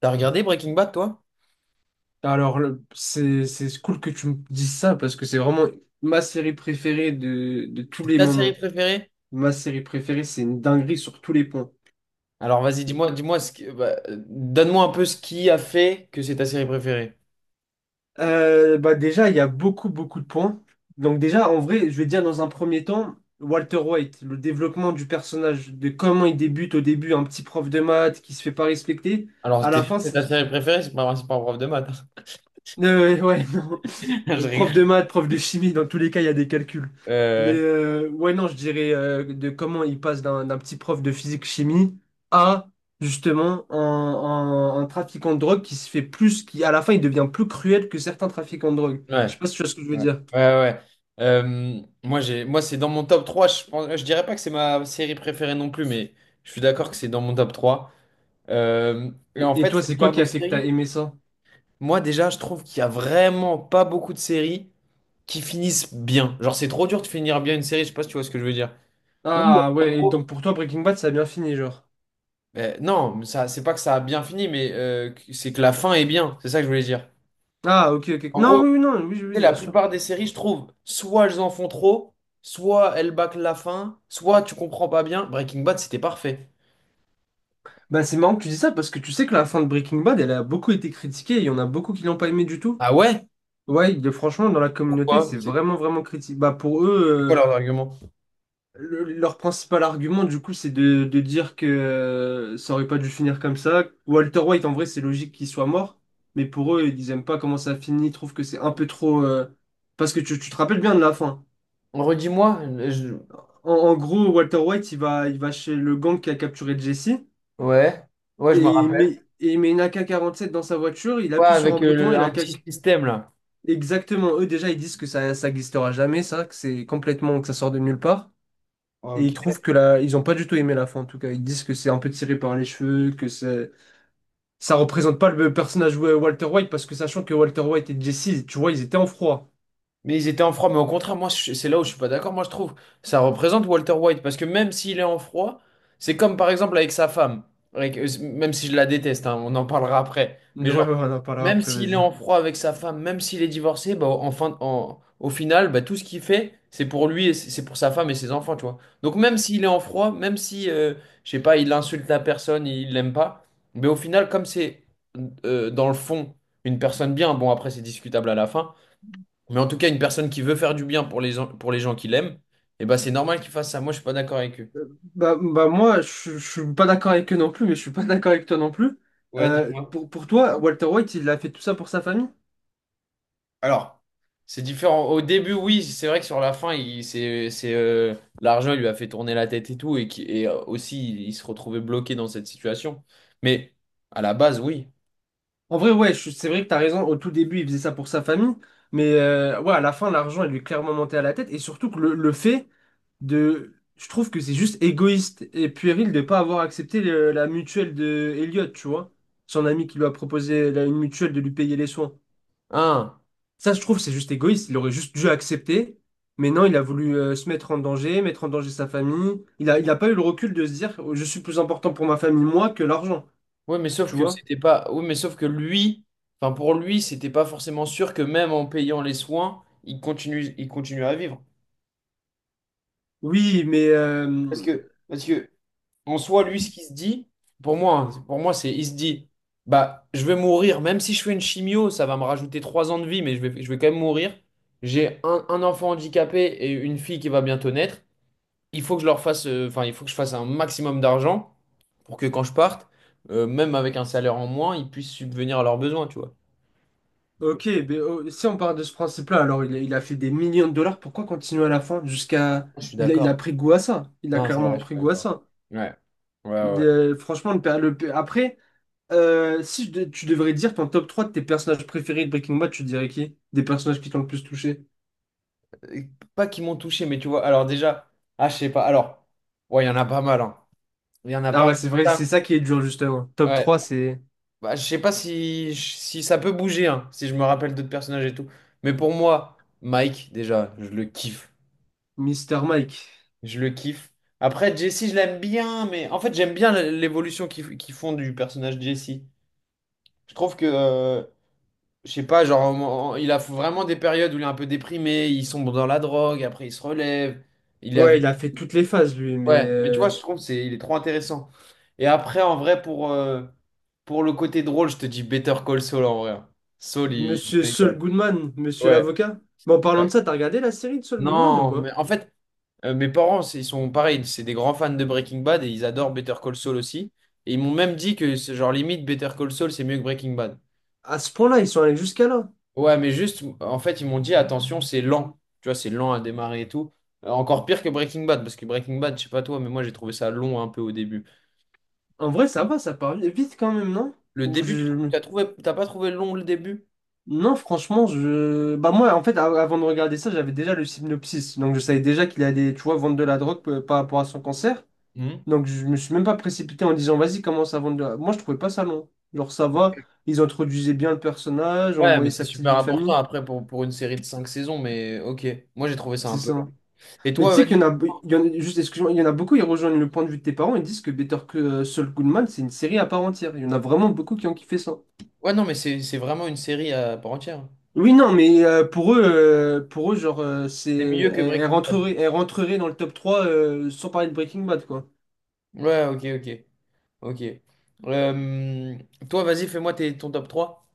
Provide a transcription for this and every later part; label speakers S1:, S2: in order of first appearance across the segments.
S1: T'as regardé Breaking Bad, toi?
S2: Alors, c'est cool que tu me dises ça parce que c'est vraiment ma série préférée de tous
S1: C'est
S2: les
S1: ta série
S2: moments.
S1: préférée?
S2: Ma série préférée, c'est une dinguerie sur tous les points.
S1: Alors vas-y,
S2: Et,
S1: dis-moi, dis-moi bah, donne-moi un peu ce qui a fait que c'est ta série préférée.
S2: bah déjà, il y a beaucoup, beaucoup de points. Donc déjà, en vrai, je vais dire dans un premier temps, Walter White, le développement du personnage, de comment il débute au début, un petit prof de maths qui se fait pas respecter.
S1: Alors,
S2: À
S1: t'es
S2: la
S1: sûr que
S2: fin,
S1: c'est ta série préférée, c'est pas un prof de maths.
S2: Ouais, non.
S1: Je
S2: Prof de
S1: rigole.
S2: maths, prof de chimie, dans tous les cas, il y a des calculs. Mais
S1: Euh,
S2: ouais, non, je dirais de comment il passe d'un petit prof de physique-chimie à justement un trafiquant de drogue qui se fait plus, qui à la fin, il devient plus cruel que certains trafiquants de drogue. Je
S1: ouais,
S2: sais pas si tu vois ce que je veux
S1: ouais,
S2: dire.
S1: ouais, ouais. Moi, c'est dans mon top 3. Je pense, je dirais pas que c'est ma série préférée non plus, mais je suis d'accord que c'est dans mon top 3. Et en
S2: Et
S1: fait,
S2: toi,
S1: c'est
S2: c'est
S1: le
S2: quoi
S1: genre
S2: qui
S1: de
S2: a fait que t'as
S1: série.
S2: aimé ça?
S1: Moi, déjà, je trouve qu'il y a vraiment pas beaucoup de séries qui finissent bien. Genre, c'est trop dur de finir bien une série, je sais pas si tu vois ce que je veux dire. Ou,
S2: Ah
S1: en
S2: ouais, et
S1: gros,
S2: donc pour toi, Breaking Bad, ça a bien fini, genre.
S1: non, mais ça, c'est pas que ça a bien fini, mais c'est que la fin est bien. C'est ça que je voulais dire.
S2: Ah, ok, ok.
S1: En
S2: Non,
S1: gros,
S2: oui, oui, non, oui, oui, oui,
S1: tu sais, la
S2: bien sûr.
S1: plupart des séries, je trouve, soit elles en font trop, soit elles bâclent la fin, soit tu comprends pas bien. Breaking Bad, c'était parfait.
S2: Bah, c'est marrant que tu dis ça parce que tu sais que la fin de Breaking Bad, elle a beaucoup été critiquée et il y en a beaucoup qui l'ont pas aimé du tout.
S1: Ah ouais?
S2: Ouais, franchement, dans la communauté,
S1: Pourquoi?
S2: c'est
S1: C'est
S2: vraiment, vraiment critique. Bah, pour
S1: c'est quoi
S2: eux,
S1: leur argument?
S2: leur principal argument, du coup, c'est de dire que ça aurait pas dû finir comme ça. Walter White, en vrai, c'est logique qu'il soit mort, mais pour eux, ils aiment pas comment ça finit, ils trouvent que c'est un peu trop parce que tu te rappelles bien de la fin.
S1: Redis-moi.
S2: En gros, Walter White, il va chez le gang qui a capturé Jesse,
S1: Ouais. Ouais, je me
S2: et il
S1: rappelle.
S2: met, et il met une AK-47 dans sa voiture, il
S1: Ouais,
S2: appuie sur un
S1: avec
S2: bouton, et la
S1: un petit
S2: AK...
S1: système là.
S2: Exactement, eux déjà, ils disent que ça glissera jamais, ça, que c'est complètement, que ça sort de nulle part. Et ils
S1: Ok.
S2: trouvent que la... ils ont pas du tout aimé la fin, en tout cas. Ils disent que c'est un peu tiré par les cheveux, que c'est... ça représente pas le personnage de Walter White, parce que sachant que Walter White et Jesse, tu vois, ils étaient en froid.
S1: Mais ils étaient en froid, mais au contraire, c'est là où je suis pas d'accord. Moi, je trouve ça représente Walter White parce que même s'il est en froid, c'est comme par exemple avec sa femme, même si je la déteste, hein, on en parlera après. Mais
S2: Mais ouais,
S1: genre,
S2: ouais, on en parlera
S1: même
S2: après,
S1: s'il est
S2: vas-y.
S1: en froid avec sa femme, même s'il est divorcé, bah, au final, bah, tout ce qu'il fait, c'est pour lui et c'est pour sa femme et ses enfants, tu vois. Donc, même s'il est en froid, même si, je sais pas, il insulte la personne, il l'aime pas, mais au final, comme c'est dans le fond une personne bien, bon, après, c'est discutable à la fin. Mais en tout cas, une personne qui veut faire du bien pour pour les gens qui l'aiment, eh ben, c'est normal qu'il fasse ça. Moi, je suis pas d'accord avec eux.
S2: Bah, bah moi, je suis pas d'accord avec eux non plus, mais je suis pas d'accord avec toi non plus.
S1: Ouais, dis-moi.
S2: Pour toi, Walter White, il a fait tout ça pour sa famille?
S1: Alors, c'est différent. Au début, oui, c'est vrai que sur la fin, l'argent il lui a fait tourner la tête et tout, et, qui, et aussi, il se retrouvait bloqué dans cette situation. Mais à la base, oui.
S2: En vrai, ouais, c'est vrai que t'as raison. Au tout début, il faisait ça pour sa famille. Mais ouais, à la fin, l'argent, il lui est clairement monté à la tête. Et surtout que le fait de. Je trouve que c'est juste égoïste et puéril de pas avoir accepté la mutuelle de Elliot, tu vois. Son ami qui lui a proposé une mutuelle de lui payer les soins.
S1: Hein.
S2: Ça, je trouve, c'est juste égoïste. Il aurait juste dû accepter. Mais non, il a voulu se mettre en danger sa famille. Il a pas eu le recul de se dire, je suis plus important pour ma famille, moi, que l'argent,
S1: Oui, mais sauf
S2: tu
S1: que
S2: vois.
S1: c'était pas. Oui, mais sauf que lui, enfin pour lui, c'était pas forcément sûr que même en payant les soins, il continue à vivre.
S2: Oui, mais.
S1: Parce que En soi, lui, ce qu'il se dit, pour moi, hein, pour moi, c'est, il se dit, bah, je vais mourir, même si je fais une chimio, ça va me rajouter 3 ans de vie, mais je vais quand même mourir. J'ai un enfant handicapé et une fille qui va bientôt naître. Il faut que je fasse un maximum d'argent pour que quand je parte, même avec un salaire en moins, ils puissent subvenir à leurs besoins, tu vois.
S2: Ok, mais si on part de ce principe-là, alors il a fait des millions de dollars, pourquoi continuer à la fin jusqu'à...
S1: Je suis
S2: Il a
S1: d'accord.
S2: pris goût à ça, il a
S1: Non, c'est vrai,
S2: clairement
S1: je suis
S2: pris goût à
S1: d'accord.
S2: ça.
S1: Ouais, ouais,
S2: Il
S1: ouais.
S2: est- franchement, après, si tu devrais dire ton top 3 de tes personnages préférés de Breaking Bad, tu dirais qui? Des personnages qui t'ont le plus touché?
S1: Euh, Pas qu'ils m'ont touché, mais tu vois, alors déjà, ah, je sais pas, alors, ouais, il y en a pas mal, hein. Il y en a
S2: Ah
S1: pas
S2: ouais, c'est vrai,
S1: mal.
S2: c'est ça qui est dur justement. Top
S1: Ouais.
S2: trois, c'est
S1: Bah, je sais pas si, ça peut bouger, hein, si je me rappelle d'autres personnages et tout. Mais pour moi, Mike, déjà, je le kiffe.
S2: Mister Mike.
S1: Je le kiffe. Après, Jesse, je l'aime bien, mais en fait, j'aime bien l'évolution qu'ils font du personnage Jesse. Je trouve que, je sais pas, genre, il a vraiment des périodes où il est un peu déprimé, il sombre dans la drogue, après il se relève. Il est
S2: Ouais, il a fait toutes les phases lui, mais
S1: Ouais, mais tu vois, je trouve que c'est il est trop intéressant. Et après, en vrai, pour le côté drôle, je te dis Better Call Saul en vrai, hein. Saul, il
S2: Monsieur
S1: me
S2: Saul
S1: régale.
S2: Goodman, Monsieur
S1: Ouais,
S2: l'avocat. Mais en parlant de
S1: ouais.
S2: ça, t'as regardé la série de Saul Goodman ou
S1: Non, mais
S2: pas?
S1: en fait, mes parents, ils sont pareils, c'est des grands fans de Breaking Bad et ils adorent Better Call Saul aussi. Et ils m'ont même dit que, c'est genre, limite, Better Call Saul, c'est mieux que Breaking Bad.
S2: À ce point-là, ils sont allés jusqu'à là.
S1: Ouais, mais juste, en fait, ils m'ont dit, attention, c'est lent. Tu vois, c'est lent à démarrer et tout. Encore pire que Breaking Bad, parce que Breaking Bad, je sais pas toi, mais moi, j'ai trouvé ça long un peu au début.
S2: En vrai, ça va, ça part vite quand même, non?
S1: Le
S2: Ou
S1: début,
S2: je...
S1: t'as pas trouvé long le début?
S2: Non, franchement, je... Bah moi, en fait, avant de regarder ça, j'avais déjà le synopsis. Donc, je savais déjà qu'il allait, tu vois, vendre de la drogue par rapport à son cancer.
S1: Hmm.
S2: Donc, je me suis même pas précipité en disant, vas-y, commence à vendre de la... Moi, je trouvais pas ça long. Genre, ça va, ils introduisaient bien le personnage, on
S1: Ouais, mais
S2: voyait
S1: c'est
S2: sa petite
S1: super
S2: vie de
S1: important
S2: famille.
S1: après pour une série de cinq saisons, mais ok, moi j'ai trouvé ça un
S2: C'est
S1: peu
S2: ça.
S1: long. Et
S2: Mais tu
S1: toi,
S2: sais qu'il
S1: vas-y.
S2: y en a... il y en juste, excuse-moi, il y en a beaucoup, ils rejoignent le point de vue de tes parents et disent que Better que Saul Goodman, c'est une série à part entière. Il y en a vraiment beaucoup qui ont kiffé ça.
S1: Ouais, non, mais c'est vraiment une série à part entière.
S2: Oui, non, mais pour eux, genre,
S1: C'est mieux que
S2: elle, elle
S1: Breaking Bad.
S2: rentrerait, elle rentrerait dans le top 3 sans parler de Breaking Bad, quoi.
S1: Ouais, ok, ok, ok. Euh, Toi, vas-y, ton top trois.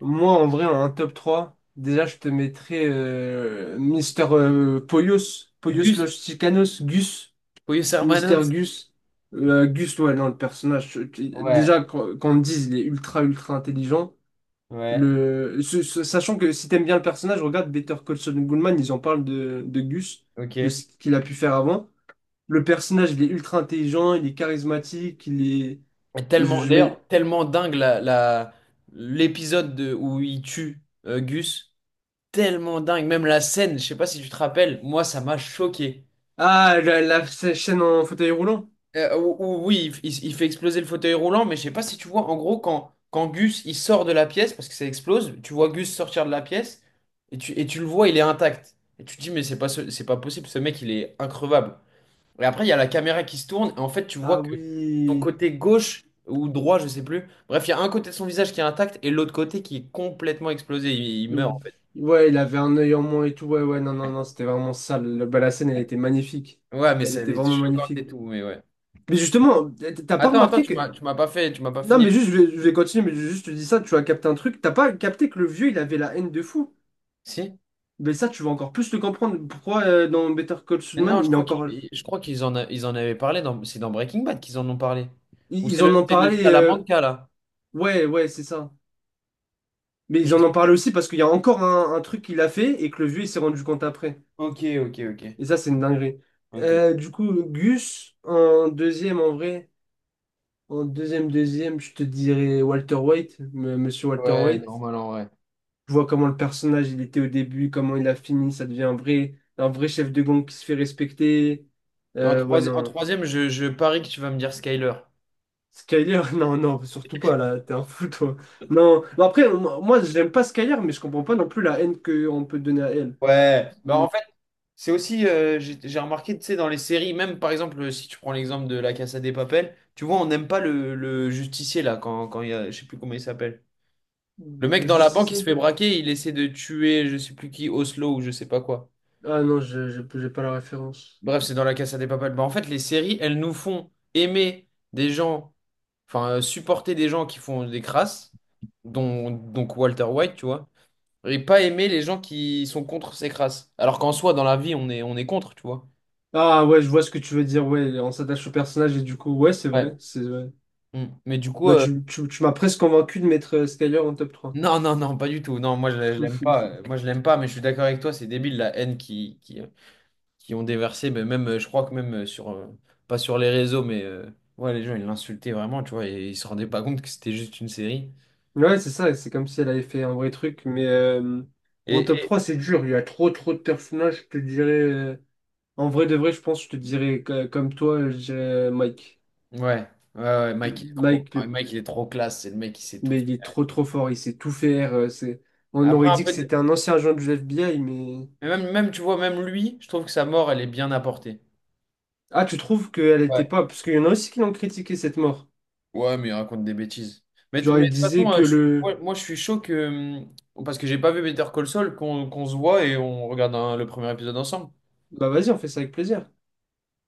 S2: Moi, en vrai, un top 3 déjà, je te mettrais Mister Polios, Polios Los
S1: Gus,
S2: Chicanos, Gus,
S1: Pollos
S2: Mister
S1: Hermanos.
S2: Gus. Gus, ouais, non, le personnage,
S1: Ouais,
S2: déjà, quand on me dise, il est ultra, ultra intelligent.
S1: ouais,
S2: Le, sachant que si t'aimes bien le personnage, regarde Better Call Saul Goodman, ils en parlent de Gus, de
S1: ok.
S2: ce qu'il a pu faire avant. Le personnage, il est ultra intelligent, il est charismatique, il est.
S1: Et
S2: Je,
S1: tellement,
S2: je
S1: d'ailleurs,
S2: mets.
S1: tellement dingue l'épisode où il tue Gus. Tellement dingue. Même la scène, je sais pas si tu te rappelles, moi, ça m'a choqué.
S2: Ah, la chaîne en fauteuil roulant?
S1: Ou Oui, il fait exploser le fauteuil roulant, mais je sais pas si tu vois, en gros, quand, Gus, il sort de la pièce, parce que ça explose, tu vois Gus sortir de la pièce, et tu le vois, il est intact. Et tu te dis, mais c'est pas possible, ce mec, il est increvable. Et après, il y a la caméra qui se tourne, et en fait, tu vois
S2: Ah
S1: que son
S2: oui.
S1: côté gauche ou droit, je sais plus, bref, il y a un côté de son visage qui est intact, et l'autre côté qui est complètement explosé, il meurt,
S2: Ouh.
S1: en fait.
S2: Ouais, il avait un œil en moins et tout. Ouais, ouais, non, non, non, c'était vraiment sale. Bah, la scène, elle était magnifique.
S1: Ouais, mais
S2: Elle
S1: ça, elle
S2: était
S1: est
S2: vraiment
S1: choquante
S2: magnifique.
S1: et tout, mais ouais.
S2: Mais justement, t'as pas
S1: Attends, attends,
S2: remarqué que.
S1: tu m'as pas
S2: Non,
S1: fini.
S2: mais juste, je vais continuer, mais juste, je te dis ça, tu as capté un truc. T'as pas capté que le vieux, il avait la haine de fou.
S1: Si?
S2: Mais ça, tu vas encore plus le comprendre. Pourquoi dans Better Call Saul,
S1: Mais non,
S2: man, il est encore.
S1: je crois qu'ils en, a- ils en avaient parlé c'est dans Breaking Bad qu'ils en ont parlé. Ou
S2: Ils
S1: c'est
S2: ils en
S1: le,
S2: ont
S1: c'est le
S2: parlé.
S1: Salamanca là.
S2: Ouais, ouais, c'est ça. Mais ils
S1: Je-
S2: en ont parlé aussi parce qu'il y a encore un truc qu'il a fait et que le vieux il s'est rendu compte après.
S1: Ok, ok, ok.
S2: Et ça, c'est une dinguerie.
S1: Ok.
S2: Du coup, Gus, en deuxième en vrai, en deuxième, deuxième, je te dirais Walter White, monsieur Walter
S1: Ouais,
S2: White.
S1: normal en vrai.
S2: Je vois comment le personnage il était au début, comment il a fini, ça devient un vrai chef de gang qui se fait respecter.
S1: Et en
S2: Ouais,
S1: troisième, en
S2: non.
S1: troisième, je parie que tu vas me dire Skyler.
S2: Skyler, non, non, surtout pas là, t'es un fou toi. Non, mais après, moi, moi, j'aime pas Skyler, mais je comprends pas non plus la haine qu'on peut donner à elle.
S1: Ouais. Bah
S2: Mais
S1: en fait, c'est aussi, j'ai remarqué, tu sais, dans les séries, même par exemple, si tu prends l'exemple de La Casa des Papel, tu vois, on n'aime pas le justicier là, quand il y a, je sais plus comment il s'appelle. Le mec
S2: le
S1: dans la banque, il se
S2: justicier.
S1: fait braquer, il essaie de tuer je sais plus qui, Oslo ou je sais pas quoi.
S2: Ah non, j'ai pas la référence.
S1: Bref, c'est dans la Casa des Papel. Bah, en fait, les séries, elles nous font aimer des gens, enfin, supporter des gens qui font des crasses, dont, donc Walter White, tu vois, et pas aimer les gens qui sont contre ces crasses. Alors qu'en soi, dans la vie, on est contre, tu vois.
S2: Ah ouais, je vois ce que tu veux dire, ouais, on s'attache au personnage et du coup, ouais, c'est
S1: Ouais.
S2: vrai, c'est vrai.
S1: Mm. Mais du coup,
S2: Bah tu m'as presque convaincu de mettre Skyler en top trois.
S1: non, non, non, pas du tout. Non, moi, je l'aime pas. Moi, je l'aime pas, mais je suis d'accord avec toi, c'est débile la haine qui ont déversé, mais même, je crois que même pas sur les réseaux, mais ouais, les gens, ils l'insultaient vraiment, tu vois, et ils se rendaient pas compte que c'était juste une série.
S2: Ouais, c'est ça, c'est comme si elle avait fait un vrai truc, mais en
S1: Et,
S2: top
S1: et-
S2: 3, c'est dur, il y a trop trop de personnages, je te dirais, en vrai de vrai, je pense, je te dirais, comme toi, je dirais Mike.
S1: ouais, ouais, ouais, Mike, il est trop,
S2: Mike,
S1: ouais, Mike, il est trop classe, c'est le mec qui sait tout
S2: mais il est
S1: faire.
S2: trop trop fort, il sait tout faire, c'est... On
S1: Après,
S2: aurait dit que c'était un ancien agent du FBI, mais...
S1: mais même, même, tu vois, même lui, je trouve que sa mort, elle est bien apportée.
S2: Ah, tu trouves qu'elle
S1: Ouais.
S2: était pas... Parce qu'il y en a aussi qui l'ont critiqué, cette mort.
S1: Ouais, mais il raconte des bêtises. Mais,
S2: Genre,
S1: mais
S2: ils
S1: de toute façon,
S2: disaient que le...
S1: je suis chaud que... Parce que j'ai pas vu Better Call Saul, qu'on se voit et on regarde le premier épisode ensemble.
S2: Bah vas-y, on fait ça avec plaisir.